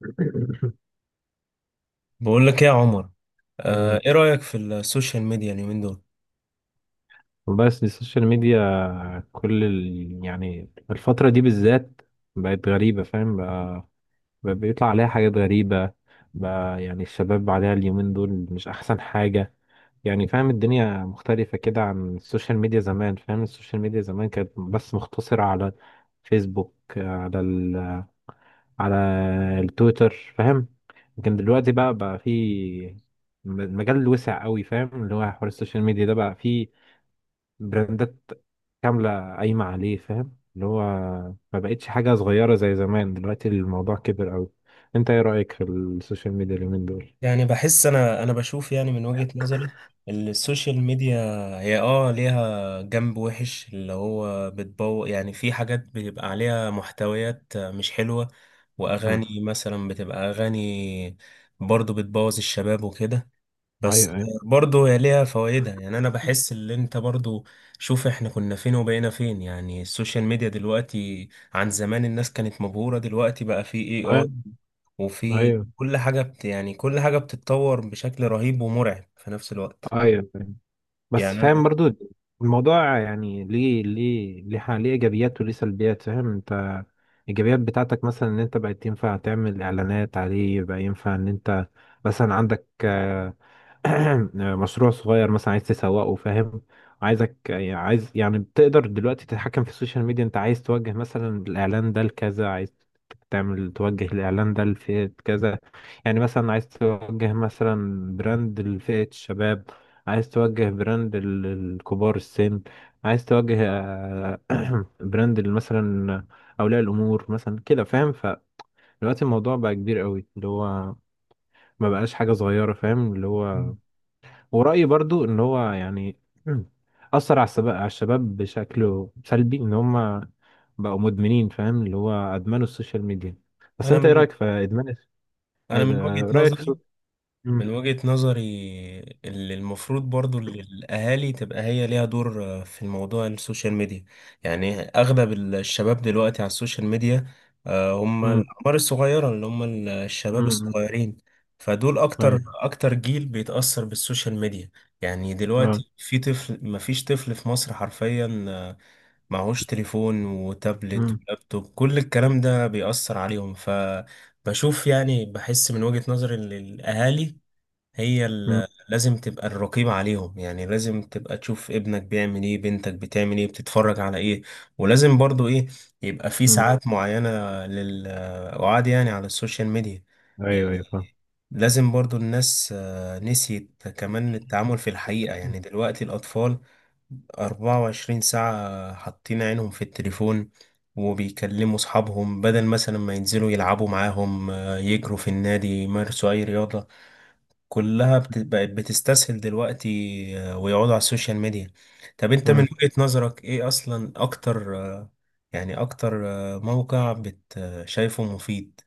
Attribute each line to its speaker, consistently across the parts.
Speaker 1: بقول لك ايه يا عمر.
Speaker 2: مم.
Speaker 1: ايه رأيك في السوشيال ميديا اليومين دول؟
Speaker 2: والله، بس السوشيال ميديا يعني الفترة دي بالذات بقت غريبة، فاهم؟ بقى بقى بيطلع عليها حاجات غريبة. بقى يعني الشباب عليها اليومين دول مش أحسن حاجة. يعني فاهم، الدنيا مختلفة كده عن السوشيال ميديا زمان. فاهم، السوشيال ميديا زمان كانت بس مختصرة على فيسبوك، على التويتر، فاهم. لكن دلوقتي بقى في المجال وسع قوي، فاهم، اللي هو حوار السوشيال ميديا ده بقى فيه براندات كاملة قايمة عليه. فاهم اللي هو ما بقتش حاجة صغيرة زي زمان، دلوقتي الموضوع كبر أوي. أنت إيه رأيك في السوشيال ميديا اليومين دول؟
Speaker 1: يعني بحس انا بشوف، يعني من وجهة نظري السوشيال ميديا هي ليها جنب وحش، اللي هو بتبوظ. يعني في حاجات بيبقى عليها محتويات مش حلوة،
Speaker 2: مم.
Speaker 1: واغاني مثلا بتبقى اغاني برضو بتبوظ الشباب وكده.
Speaker 2: أيوه،
Speaker 1: بس
Speaker 2: أيوه،
Speaker 1: برضو هي ليها فوائدها. يعني انا بحس ان انت برضو، شوف احنا كنا فين وبقينا فين. يعني السوشيال ميديا دلوقتي عن زمان، الناس كانت مبهورة، دلوقتي بقى في اي اي،
Speaker 2: أيوه،
Speaker 1: وفي
Speaker 2: أيوه،
Speaker 1: كل حاجة بتتطور بشكل رهيب ومرعب في نفس الوقت.
Speaker 2: أيوه، فاهم. بس
Speaker 1: يعني انا
Speaker 2: فاهم برضو، الموضوع يعني ليه إيجابيات وليه سلبيات، فاهم أنت. الإيجابيات بتاعتك مثلا، إن أنت بقيت ينفع تعمل إعلانات عليه، بقى ينفع إن أنت مثلا عندك مشروع صغير مثلا عايز تسوقه، فاهم. عايز يعني بتقدر دلوقتي تتحكم في السوشيال ميديا. انت عايز توجه مثلا الاعلان ده لكذا، عايز تعمل توجه الاعلان ده لفئة كذا. يعني مثلا عايز توجه مثلا براند لفئة الشباب، عايز توجه براند لكبار السن، عايز توجه براند مثلا اولياء الامور مثلا كده، فاهم. فدلوقتي الموضوع بقى كبير قوي، اللي هو ما بقاش حاجة صغيرة، فاهم اللي هو.
Speaker 1: مم.
Speaker 2: ورأيي برضو ان هو يعني اثر على الشباب، على الشباب بشكل سلبي، ان هم بقوا مدمنين، فاهم اللي هو ادمنوا السوشيال ميديا. بس
Speaker 1: انا
Speaker 2: انت ايه
Speaker 1: من
Speaker 2: رأيك في ادمان
Speaker 1: انا من وجهة
Speaker 2: رأيك
Speaker 1: نظري،
Speaker 2: في. امم.
Speaker 1: وجهة نظري اللي المفروض، برضو اللي الأهالي تبقى هي ليها دور في الموضوع، السوشيال ميديا. يعني أغلب الشباب دلوقتي على السوشيال ميديا، هم
Speaker 2: امم.
Speaker 1: الأعمار الصغيرة، اللي هم الشباب
Speaker 2: امم.
Speaker 1: الصغيرين. فدول أكتر
Speaker 2: ايوه.
Speaker 1: أكتر جيل بيتأثر بالسوشيال ميديا. يعني
Speaker 2: اه.
Speaker 1: دلوقتي في طفل مفيش طفل في مصر حرفيا معهوش تليفون وتابلت
Speaker 2: امم.
Speaker 1: ولابتوب. كل الكلام ده بيأثر عليهم. ف بشوف، يعني بحس من وجهة نظري ان الأهالي هي
Speaker 2: امم.
Speaker 1: لازم تبقى الرقيب عليهم. يعني لازم تبقى تشوف ابنك بيعمل ايه، بنتك بتعمل ايه، بتتفرج على ايه. ولازم برضو ايه، يبقى في ساعات معينة للقعاد يعني على السوشيال ميديا.
Speaker 2: ايوه،
Speaker 1: يعني
Speaker 2: ايوه، فاهم.
Speaker 1: لازم برضو الناس نسيت كمان التعامل في الحقيقة. يعني دلوقتي الأطفال 24 ساعة حاطين عينهم في التليفون، وبيكلموا أصحابهم بدل مثلا ما ينزلوا يلعبوا معاهم، يجروا في النادي يمارسوا أي رياضة. كلها بقت بتستسهل دلوقتي، ويقعدوا على السوشيال ميديا. طب انت من
Speaker 2: آه.
Speaker 1: وجهة نظرك ايه اصلا اكتر يعني اكتر موقع بت آه، شايفه مفيد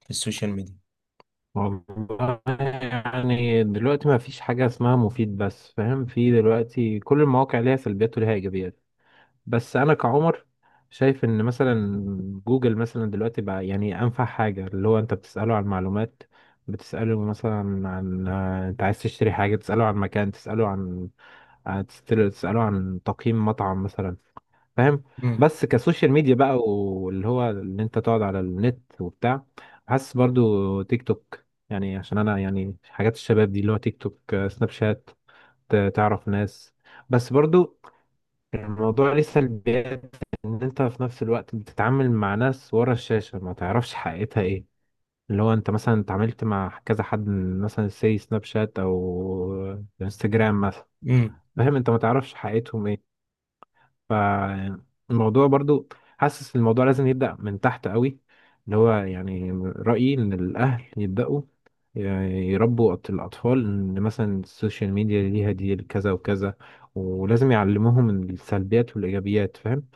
Speaker 1: في السوشيال ميديا؟
Speaker 2: والله يعني دلوقتي ما فيش حاجة اسمها مفيد، بس فاهم، في دلوقتي كل المواقع ليها سلبيات وليها ايجابيات. بس انا كعمر شايف ان مثلا جوجل مثلا دلوقتي بقى يعني انفع حاجه، اللي هو انت بتساله عن معلومات، بتساله مثلا عن انت عايز تشتري حاجه، تساله عن مكان، تساله عن تساله عن تقييم مطعم مثلا، فاهم. بس كسوشيال ميديا بقى، واللي هو ان انت تقعد على النت وبتاع، حاسس برضو تيك توك. يعني عشان انا يعني حاجات الشباب دي اللي هو تيك توك، سناب شات، تعرف ناس. بس برضو الموضوع ليه سلبيات، ان انت في نفس الوقت بتتعامل مع ناس ورا الشاشة ما تعرفش حقيقتها ايه. اللي هو انت مثلا اتعاملت مع كذا حد من مثلا سي سناب شات او انستجرام مثلا.
Speaker 1: امم
Speaker 2: فاهم انت ما تعرفش حقيقتهم ايه. فالموضوع برضو حاسس الموضوع لازم يبدأ من تحت قوي. اللي هو يعني رأيي ان الاهل يبدأوا يربوا الأطفال، إن مثلا السوشيال ميديا ليها دي كذا وكذا، ولازم يعلموهم السلبيات والإيجابيات، فاهم.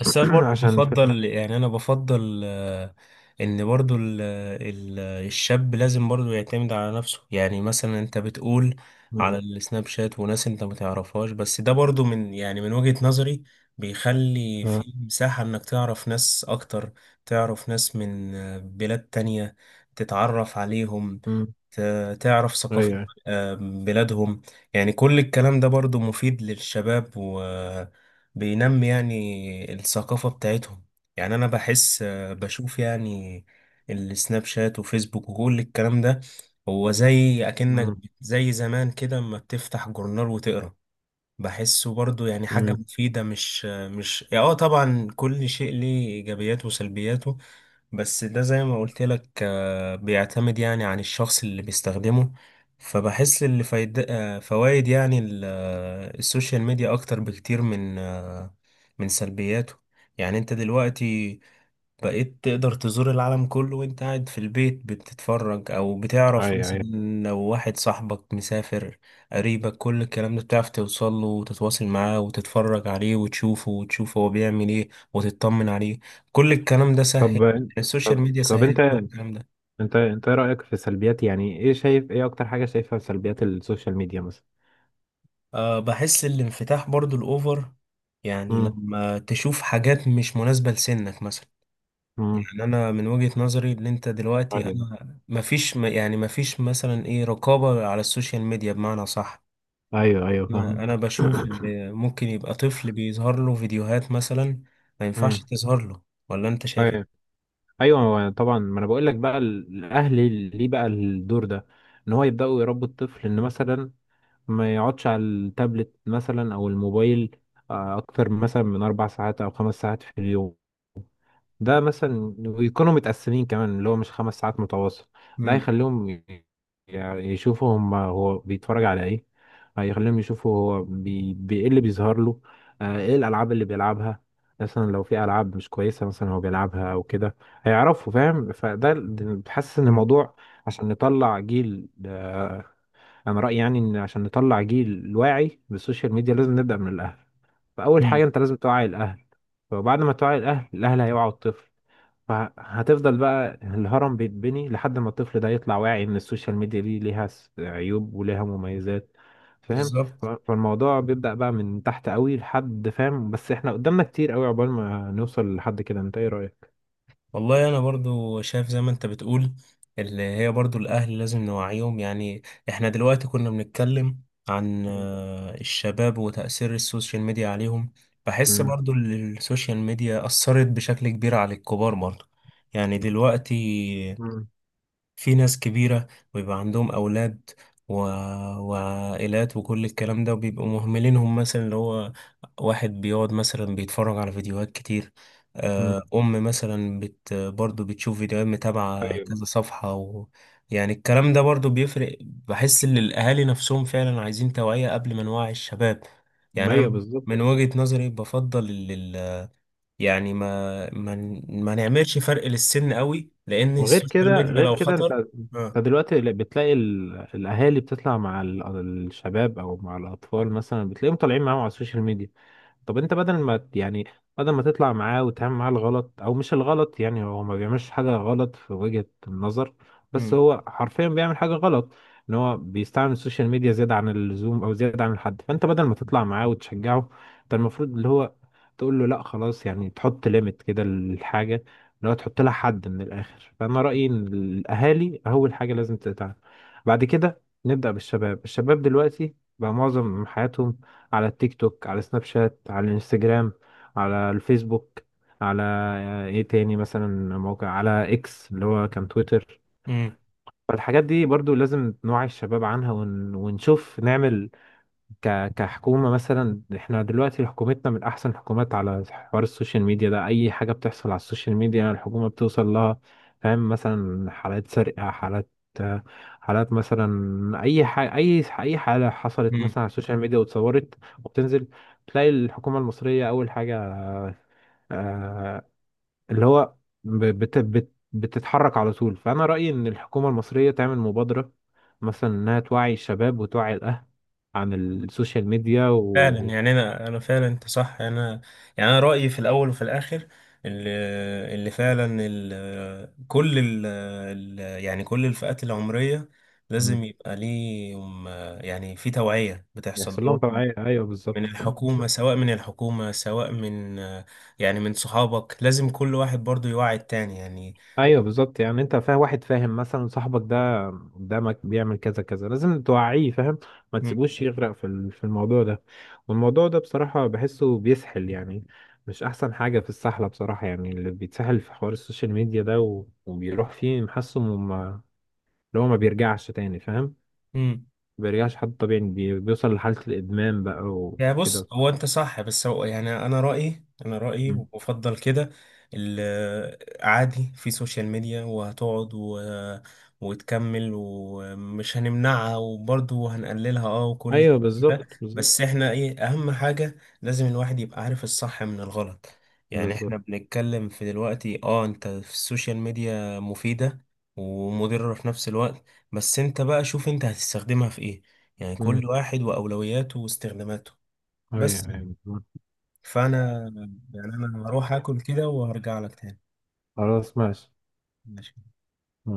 Speaker 1: بس انا برضه
Speaker 2: عشان الفيلم.
Speaker 1: بفضل، يعني انا بفضل ان برضه ال- الشاب لازم برضه يعتمد على نفسه. يعني مثلا انت بتقول على
Speaker 2: مم.
Speaker 1: السناب شات وناس انت ما تعرفهاش، بس ده برضه من، يعني من وجهة نظري بيخلي
Speaker 2: اه.
Speaker 1: في مساحة انك تعرف ناس اكتر، تعرف ناس من بلاد تانية، تتعرف عليهم،
Speaker 2: مم.
Speaker 1: تعرف ثقافة
Speaker 2: ايوه.
Speaker 1: بلادهم. يعني كل الكلام ده برضو مفيد للشباب، وبينمي يعني الثقافة بتاعتهم. يعني أنا بحس بشوف، يعني السناب شات وفيسبوك وكل الكلام ده هو زي أكنك
Speaker 2: مم.
Speaker 1: زي زمان كده أما بتفتح جورنال وتقرأ. بحسه برضو يعني حاجة
Speaker 2: مم.
Speaker 1: مفيدة. مش مش طبعا كل شيء ليه إيجابياته وسلبياته. بس ده زي ما قلت لك بيعتمد يعني عن الشخص اللي بيستخدمه. فبحس اللي فايد فوائد يعني السوشيال ميديا اكتر بكتير من سلبياته. يعني انت دلوقتي بقيت تقدر تزور العالم كله وانت قاعد في البيت بتتفرج، او بتعرف
Speaker 2: ايوه،
Speaker 1: مثلا
Speaker 2: ايوه.
Speaker 1: لو واحد صاحبك مسافر، قريبك، كل الكلام ده بتعرف توصل له وتتواصل معاه وتتفرج عليه وتشوفه وتشوف هو بيعمل ايه وتطمن عليه. كل الكلام ده سهل،
Speaker 2: طب
Speaker 1: السوشيال
Speaker 2: طب
Speaker 1: ميديا
Speaker 2: طب
Speaker 1: سهلت
Speaker 2: انت
Speaker 1: كل الكلام ده.
Speaker 2: انت انت ايه رأيك في سلبيات، يعني ايه شايف، ايه اكتر حاجة شايفها في سلبيات السوشيال ميديا مثلا؟
Speaker 1: أه، بحس الانفتاح برضو الأوفر، يعني
Speaker 2: مم.
Speaker 1: لما تشوف حاجات مش مناسبة لسنك مثلا.
Speaker 2: مم.
Speaker 1: يعني انا من وجهة نظري ان انت دلوقتي،
Speaker 2: ايوه،
Speaker 1: انا مفيش يعني مفيش مثلا ايه رقابة على السوشيال ميديا بمعنى صح.
Speaker 2: ايوه، ايوه، فاهمك.
Speaker 1: انا بشوف ان ممكن يبقى طفل بيظهر له فيديوهات مثلا ما ينفعش
Speaker 2: مم.
Speaker 1: تظهر له، ولا انت شايف
Speaker 2: ايوه،
Speaker 1: ايه؟
Speaker 2: ايوه، هو طبعا، ما انا بقول لك بقى الاهل ليه بقى الدور ده. ان هو يبداوا يربوا الطفل ان مثلا ما يقعدش على التابلت مثلا او الموبايل اكتر مثلا من 4 ساعات او 5 ساعات في اليوم. ده مثلا، ويكونوا متقسمين كمان اللي هو مش 5 ساعات متواصل. ده
Speaker 1: امم
Speaker 2: هيخليهم يعني يشوفوا هم هو بيتفرج على ايه، هيخليهم يشوفوا هو ايه اللي بيظهر له، ايه الالعاب اللي بيلعبها. مثلا لو في العاب مش كويسه مثلا هو بيلعبها او كده، هيعرفوا فاهم. فده بحس ان الموضوع. عشان نطلع جيل انا رايي يعني ان عشان نطلع جيل واعي بالسوشيال ميديا لازم نبدا من الاهل. فاول حاجه
Speaker 1: امم
Speaker 2: انت لازم توعي الاهل. فبعد ما توعي الاهل، الاهل هيوعوا الطفل. فهتفضل بقى الهرم بيتبني لحد ما الطفل ده يطلع واعي ان السوشيال ميديا دي ليها عيوب وليها مميزات، فاهم.
Speaker 1: بالظبط.
Speaker 2: فالموضوع بيبدأ بقى من تحت قوي لحد، فاهم، بس احنا قدامنا كتير قوي عقبال ما نوصل لحد كده. انت ايه رأيك؟
Speaker 1: والله انا برضو شايف زي ما انت بتقول، اللي هي برضو الاهل لازم نوعيهم. يعني احنا دلوقتي كنا بنتكلم عن الشباب وتأثير السوشيال ميديا عليهم. بحس
Speaker 2: مم.
Speaker 1: برضو السوشيال ميديا أثرت بشكل كبير على الكبار برضو. يعني دلوقتي
Speaker 2: مم.
Speaker 1: في ناس كبيرة ويبقى عندهم أولاد و... وعائلات وكل الكلام ده، وبيبقوا مهملينهم مثلا. اللي هو واحد بيقعد مثلا بيتفرج على فيديوهات كتير،
Speaker 2: مم.
Speaker 1: أم مثلا برضو بتشوف فيديوهات متابعة
Speaker 2: ايوه،
Speaker 1: كذا صفحة يعني الكلام ده برضو بيفرق. بحس إن الأهالي نفسهم فعلا عايزين توعية قبل ما نوعي الشباب. يعني أنا
Speaker 2: ايوه، بالظبط.
Speaker 1: من وجهة نظري بفضل، يعني ما نعملش فرق للسن قوي، لان
Speaker 2: وغير
Speaker 1: السوشيال
Speaker 2: كده،
Speaker 1: ميديا
Speaker 2: غير
Speaker 1: لو
Speaker 2: كده، انت
Speaker 1: خطر. اه
Speaker 2: انت دلوقتي بتلاقي الاهالي بتطلع مع الشباب او مع الاطفال مثلا، بتلاقيهم طالعين معاهم على السوشيال ميديا. طب انت بدل ما يعني بدل ما تطلع معاه وتعمل معاه الغلط او مش الغلط، يعني هو ما بيعملش حاجة غلط في وجهة النظر، بس
Speaker 1: امم
Speaker 2: هو حرفيا بيعمل حاجة غلط. ان هو بيستعمل السوشيال ميديا زيادة عن اللزوم او زيادة عن الحد. فانت بدل ما تطلع معاه وتشجعه، انت المفروض اللي هو تقول له لا خلاص، يعني تحط ليميت كده للحاجة، اللي هو تحط لها حد من الاخر. فانا رأيي ان الاهالي اول حاجة لازم تتعامل. بعد كده نبدأ بالشباب. الشباب دلوقتي بقى معظم حياتهم على التيك توك، على سناب شات، على الانستجرام، على الفيسبوك، على ايه تاني مثلا موقع، على اكس اللي هو كان تويتر.
Speaker 1: امم
Speaker 2: فالحاجات دي برضو لازم نوعي الشباب عنها ونشوف نعمل كحكومة مثلا. احنا دلوقتي حكومتنا من أحسن الحكومات على حوار السوشيال ميديا ده، أي حاجة بتحصل على السوشيال ميديا الحكومة بتوصل لها. فاهم، مثلا حالات سرقة، حالات مثلا، أي حاجة، أي حالة حصلت مثلا
Speaker 1: امم
Speaker 2: على السوشيال ميديا واتصورت وبتنزل، تلاقي الحكومة المصرية أول حاجة، آه، اللي هو ب- بت بت بتتحرك على طول. فأنا رأيي إن الحكومة المصرية تعمل مبادرة، مثلا إنها توعي الشباب وتوعي الأهل عن السوشيال ميديا
Speaker 1: فعلا.
Speaker 2: و.
Speaker 1: يعني انا فعلا انت صح. انا يعني انا رايي في الاول وفي الاخر، اللي اللي فعلا ال كل ال ال- يعني كل الفئات العمريه لازم
Speaker 2: مم.
Speaker 1: يبقى ليهم يعني في توعيه بتحصل
Speaker 2: يحصل لهم
Speaker 1: لهم
Speaker 2: توعية، أيوه،
Speaker 1: من
Speaker 2: بالظبط.
Speaker 1: الحكومه، سواء من الحكومه سواء من يعني من صحابك. لازم كل واحد برضو يوعي التاني. يعني
Speaker 2: ايوه، بالظبط، يعني انت فاهم، واحد فاهم مثلا صاحبك ده قدامك بيعمل كذا كذا، لازم توعيه، فاهم. ما
Speaker 1: مم.
Speaker 2: تسيبوش يغرق في الموضوع ده. والموضوع ده بصراحة بحسه بيسحل، يعني مش احسن حاجة في السحلة بصراحة. يعني اللي بيتسحل في حوار السوشيال ميديا ده وبيروح فيه محسه وما-، اللي هو ما بيرجعش تاني، فاهم.
Speaker 1: مم.
Speaker 2: ما بيرجعش حد طبيعي، بيوصل لحالة الادمان بقى
Speaker 1: يعني بص،
Speaker 2: وكده.
Speaker 1: هو انت صح، بس هو يعني انا رايي
Speaker 2: مم.
Speaker 1: وافضل كده ال- عادي في سوشيال ميديا، وهتقعد و... وتكمل، ومش هنمنعها وبرضه هنقللها، وكل
Speaker 2: ايوه،
Speaker 1: ده.
Speaker 2: بالظبط، بالظبط،
Speaker 1: بس احنا ايه اهم حاجه، لازم الواحد يبقى عارف الصح من الغلط. يعني احنا
Speaker 2: بالظبط.
Speaker 1: بنتكلم في دلوقتي، اه انت في السوشيال ميديا مفيده ومضره في نفس الوقت. بس انت بقى شوف انت هتستخدمها في ايه. يعني
Speaker 2: مم.
Speaker 1: كل واحد وأولوياته واستخداماته.
Speaker 2: ايوه،
Speaker 1: بس،
Speaker 2: أيوة.
Speaker 1: فانا يعني انا هروح اكل كده وهرجع لك تاني.
Speaker 2: خلاص، ماشي.
Speaker 1: ماشي.